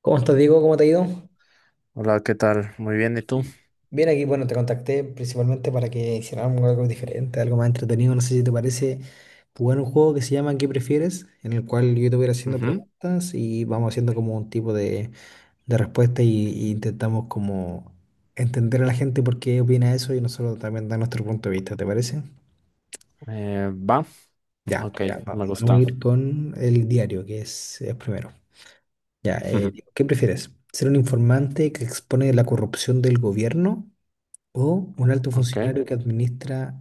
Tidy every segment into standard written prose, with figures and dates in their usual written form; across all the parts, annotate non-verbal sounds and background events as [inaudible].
¿Cómo estás, Diego? ¿Cómo te ha ido? Hola, ¿qué tal? Muy bien, ¿y tú? Bien, aquí, bueno, te contacté principalmente para que hiciéramos algo diferente, algo más entretenido. No sé si te parece jugar un juego que se llama ¿qué prefieres? En el cual yo te voy a ir haciendo Ujú. preguntas y vamos haciendo como un tipo de respuesta y intentamos como entender a la gente por qué opina eso y nosotros también dar nuestro punto de vista, ¿te parece? Va, Ya, ok, ya, me vamos a gusta. ir con el diario, que es primero. Ya, [laughs] ¿qué prefieres? ¿Ser un informante que expone la corrupción del gobierno? ¿O un alto Ok, funcionario que administra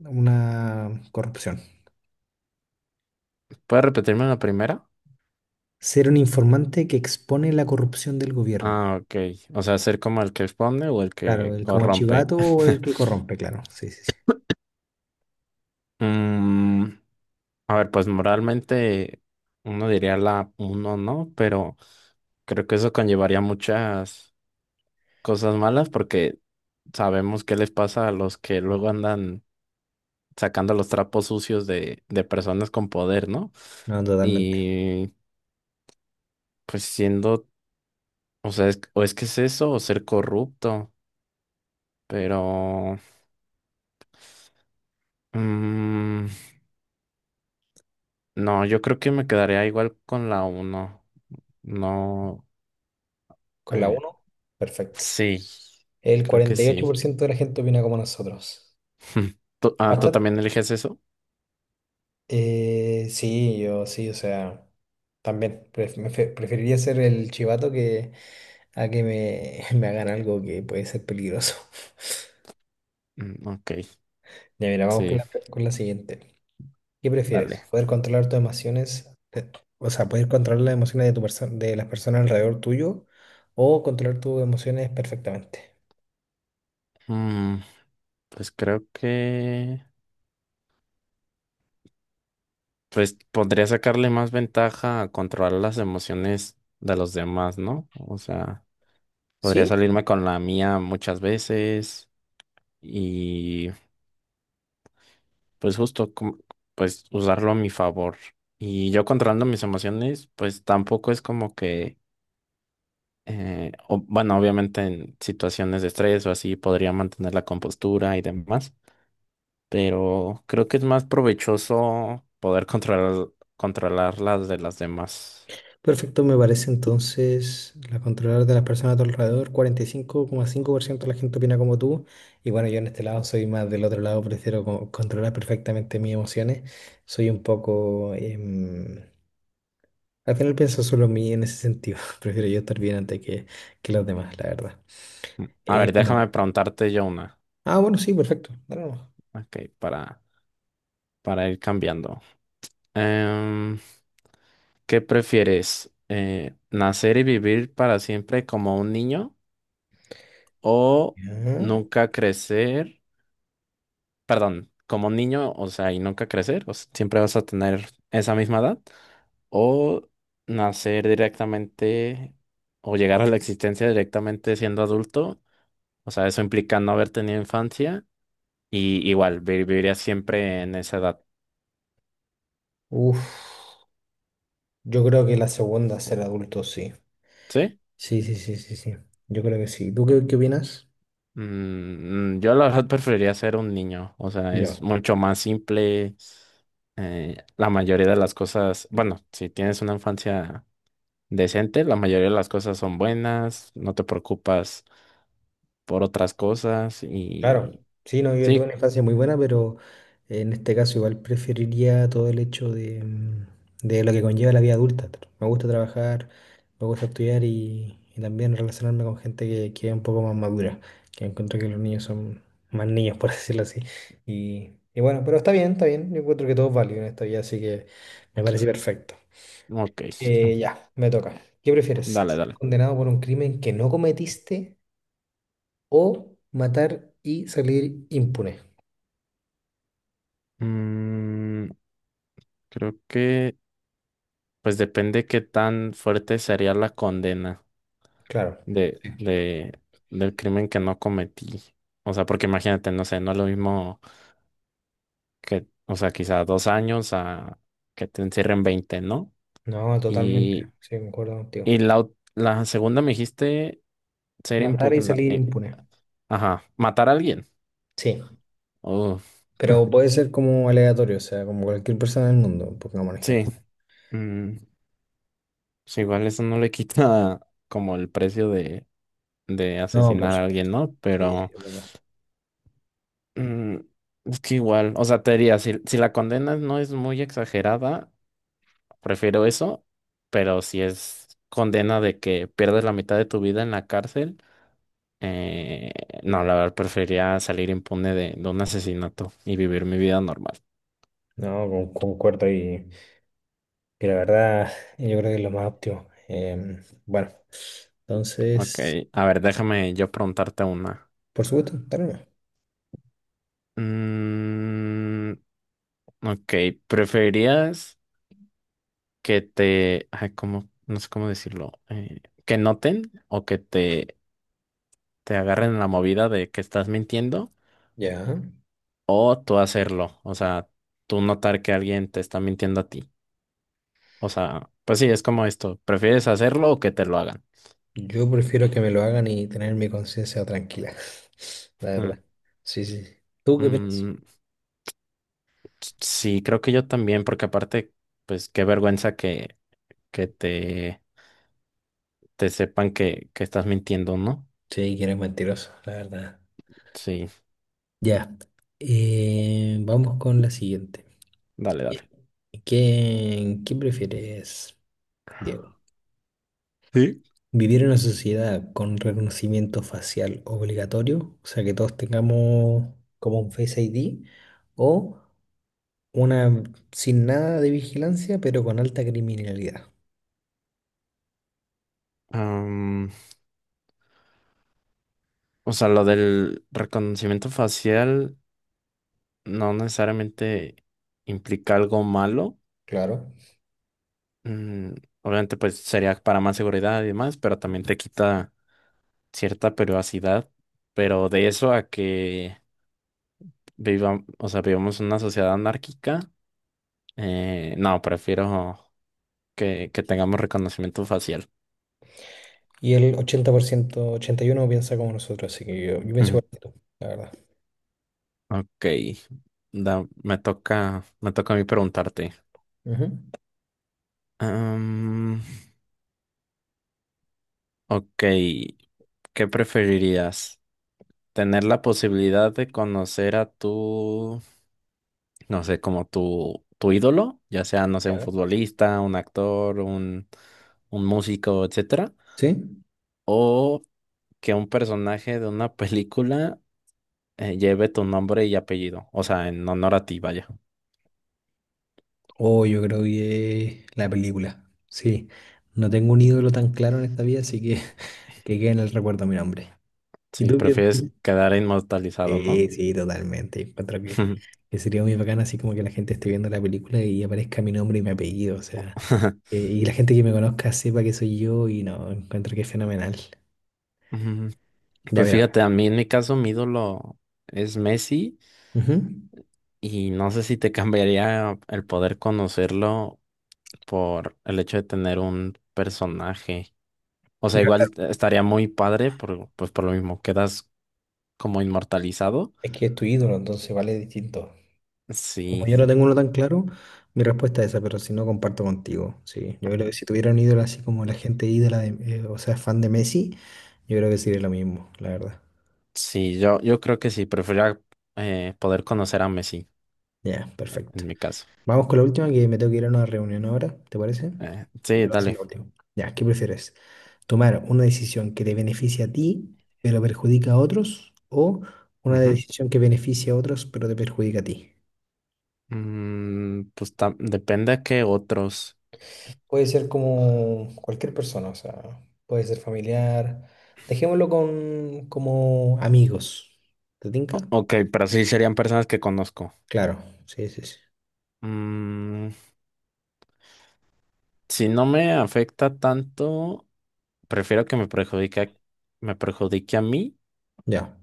una corrupción? ¿puedes repetirme la primera? Ser un informante que expone la corrupción del gobierno. Ah, ok, o sea, ser como el que expone o el Claro, que el como corrompe. chivato o el que [laughs] corrompe, claro. Sí, sí, sí. Mm, a ver, pues moralmente uno diría la uno, ¿no? Pero creo que eso conllevaría muchas cosas malas porque sabemos qué les pasa a los que luego andan sacando los trapos sucios de personas con poder, ¿no? No, totalmente. Y pues siendo, o sea, o es que es eso, o ser corrupto, pero... mm, no, yo creo que me quedaría igual con la uno. No, Con la eh, uno, perfecto. sí, El creo que cuarenta y ocho sí. por ciento de la gente opina como nosotros. [laughs] ¿Tú, ¿tú Bastante. también eliges eso? Sí, yo sí, o sea, también preferiría ser el chivato, que a que me, [laughs] me hagan algo que puede ser peligroso. [laughs] Mm, ok, Ya, mira, vamos con sí, la, con la siguiente. ¿Qué prefieres? dale. ¿Poder controlar tus emociones, o sea, poder controlar las emociones de de las personas alrededor tuyo, o controlar tus emociones perfectamente? Mm, pues creo que... pues podría sacarle más ventaja a controlar las emociones de los demás, ¿no? O sea, podría ¿Sí? salirme con la mía muchas veces y... pues justo, pues usarlo a mi favor. Y yo controlando mis emociones, pues tampoco es como que, bueno, obviamente en situaciones de estrés o así podría mantener la compostura y demás, pero creo que es más provechoso poder controlar, controlar las de las demás. Perfecto, me parece entonces la controlar de las personas a tu alrededor. 45,5% de la gente opina como tú. Y bueno, yo en este lado soy más del otro lado, prefiero controlar perfectamente mis emociones. Soy un poco. Al final pienso solo en mí en ese sentido. [laughs] Prefiero yo estar bien antes que los demás, la verdad. Mm, a ver, déjame Bueno. preguntarte yo una, Ah, bueno, sí, perfecto. Dale nomás. ok, para ir cambiando. Em, ¿Qué prefieres? ¿Nacer y vivir para siempre como un niño? O Ya. nunca crecer, perdón, como niño, o sea, y nunca crecer, o sea, siempre vas a tener esa misma edad, o nacer directamente o llegar a la existencia directamente siendo adulto, o sea, eso implica no haber tenido infancia y igual viviría siempre en esa edad, Uf, yo creo que la segunda, ser adulto, sí. ¿sí? Sí, sí, sí, sí, sí. Yo creo que sí. ¿Tú qué opinas? Yo la verdad preferiría ser un niño, o sea, es Ya. mucho más simple. La mayoría de las cosas, bueno, si tienes una infancia decente, la mayoría de las cosas son buenas, no te preocupas por otras cosas Claro, y sí, no, yo tuve sí, una infancia muy buena, pero en este caso igual preferiría todo el hecho de lo que conlleva la vida adulta. Me gusta trabajar, me gusta estudiar y también relacionarme con gente que es un poco más madura, que encuentro que los niños son más niños, por [laughs] decirlo así. Y bueno, pero está bien, yo encuentro que todo es válido en esta vida, así que me parece perfecto. ok, Ya, me toca. ¿Qué prefieres? dale, ¿Ser dale. condenado por un crimen que no cometiste o matar y salir impune? Mm, Creo que pues depende qué tan fuerte sería la condena Claro, de, de, del crimen que no cometí. O sea, porque imagínate, no sé, no es lo mismo que, o sea, quizá 2 años a que te encierren 20, ¿no? no, Y, totalmente, sí, concuerdo y contigo. la, la segunda me dijiste ser Matar y impugna, salir impune, ajá, matar a alguien. sí, Oh, [laughs] pero puede ser como aleatorio, o sea, como cualquier persona del mundo, pongamos un sí. ejemplo. mm, pues igual eso no le quita [laughs] como el precio de No, por asesinar a supuesto, alguien, ¿no? sí, sí, Pero es verdad. mm, es que igual, o sea, te diría, si la condena no es muy exagerada, prefiero eso, pero si es condena de que pierdes la mitad de tu vida en la cárcel, eh, no, la verdad, preferiría salir impune de un asesinato y vivir mi vida normal. No, concuerdo y la verdad, yo creo que es lo más óptimo. Bueno, Ok, entonces, a ver, déjame yo preguntarte una. por supuesto, dale nomás. Mm, ok, ¿preferirías que te, ay, cómo- no sé cómo decirlo, que noten o que te agarren en la movida de que estás mintiendo Ya, o tú hacerlo? O sea, tú notar que alguien te está mintiendo a ti. O sea, pues sí, es como esto, ¿prefieres hacerlo o que te lo hagan? yo prefiero que me lo hagan y tener mi conciencia tranquila, [laughs] la Mm, verdad. Sí, sí. ¿Tú qué piensas? mm, sí, creo que yo también, porque aparte, pues qué vergüenza que te sepan que estás mintiendo, ¿no? Sí, que eres mentiroso, la verdad. Sí, Ya, vamos con la siguiente. dale, Eh, dale. qué prefieres, Diego? Sí. ¿Vivir en una sociedad con reconocimiento facial obligatorio? O sea, que todos tengamos como un Face ID, o una sin nada de vigilancia, pero con alta criminalidad. O sea, lo del reconocimiento facial no necesariamente implica algo malo. Claro. Mm, Obviamente, pues sería para más seguridad y demás, pero también te quita cierta privacidad. Pero de eso a que viva, o sea, vivamos en una sociedad anárquica, no, prefiero que tengamos reconocimiento facial. Y el 80%, 81 piensa como nosotros, así que yo pienso Ujú. igual que tú, la verdad. Ok, me toca a mí preguntarte. Ujú. Am, ok, ¿qué preferirías? Tener la posibilidad de conocer a tu, no sé, como tu ídolo, ya sea, no sé, un Ya. futbolista, un actor, un músico, etcétera, ¿Sí? o que un personaje de una [laughs] película lleve tu nombre y apellido, o sea, en honor a ti, vaya. Oh, yo creo que la película. Sí, no tengo un ídolo tan claro en esta vida, así que [laughs] que quede en el recuerdo mi nombre. ¿Y ¿Si tú qué prefieres prefieres? quedar inmortalizado, no? Sí, sí, totalmente. Encuentro que sería muy bacán así como que la gente esté viendo la película y aparezca mi nombre y mi apellido, o sea, [laughs] y la gente que me conozca sepa que soy yo y no, encuentro que es fenomenal. Mm, Ya, pues mira. fíjate, a mí en mi caso mi ídolo es Messi Ujú. y no sé si te cambiaría el poder conocerlo por el hecho de tener un personaje. O sea, Ya, igual claro, estaría muy padre, por, pues por lo mismo, quedas como inmortalizado. es que es tu ídolo, entonces vale distinto. Como Sí, yo no tengo uno tan claro, mi respuesta es esa, pero si no, comparto contigo. Sí, yo creo que ujú. si tuviera un ídolo así como la gente ídola, o sea, fan de Messi, yo creo que sería lo mismo, la verdad. Sí, yo creo que sí, preferiría poder conocer a Messi, Ya, perfecto. en mi caso. Vamos con la última, que me tengo que ir a una reunión ahora, ¿te parece? Te Sí, voy a hacer dale. la última. Ya, ¿qué prefieres? ¿Tomar una decisión que te beneficia a ti, pero perjudica a otros? ¿O una Ujú. decisión que beneficia a otros, pero te perjudica a ti? Mm, pues depende a qué otros. Puede ser como cualquier persona, o sea, puede ser familiar. Dejémoslo con como amigos. ¿Te tinca? Ok, pero sí serían personas que conozco. Claro, sí, sí, sí. Mm, si no me afecta tanto, prefiero que me perjudique a mí Ya,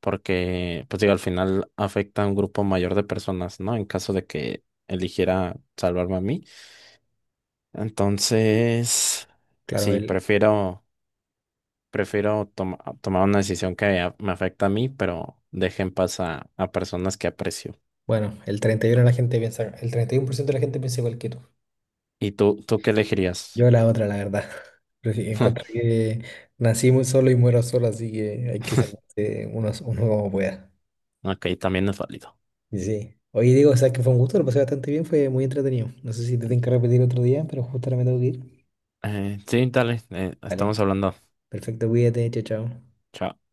porque, pues digo, al final afecta a un grupo mayor de personas, ¿no? En caso de que eligiera salvarme a mí. Entonces, claro, sí, el, prefiero, prefiero tomar una decisión que me afecta a mí, pero deje en paz a personas que aprecio. bueno, el 31 de la gente piensa, el 31% de la gente piensa igual que tú. ¿Y tú qué elegirías? Yo la otra, la verdad. [laughs] Encuentro [laughs] que nací muy solo y muero solo, así que hay que salvarse uno como pueda. Ok, también es válido. Y sí. Oye, digo, o sea, que fue un gusto, lo pasé bastante bien, fue muy entretenido. No sé si te tengo que repetir otro día, pero justo ahora me tengo que ir. Sí, dale, estamos Vale. hablando. Perfecto, cuídate, chao, chao. Chao.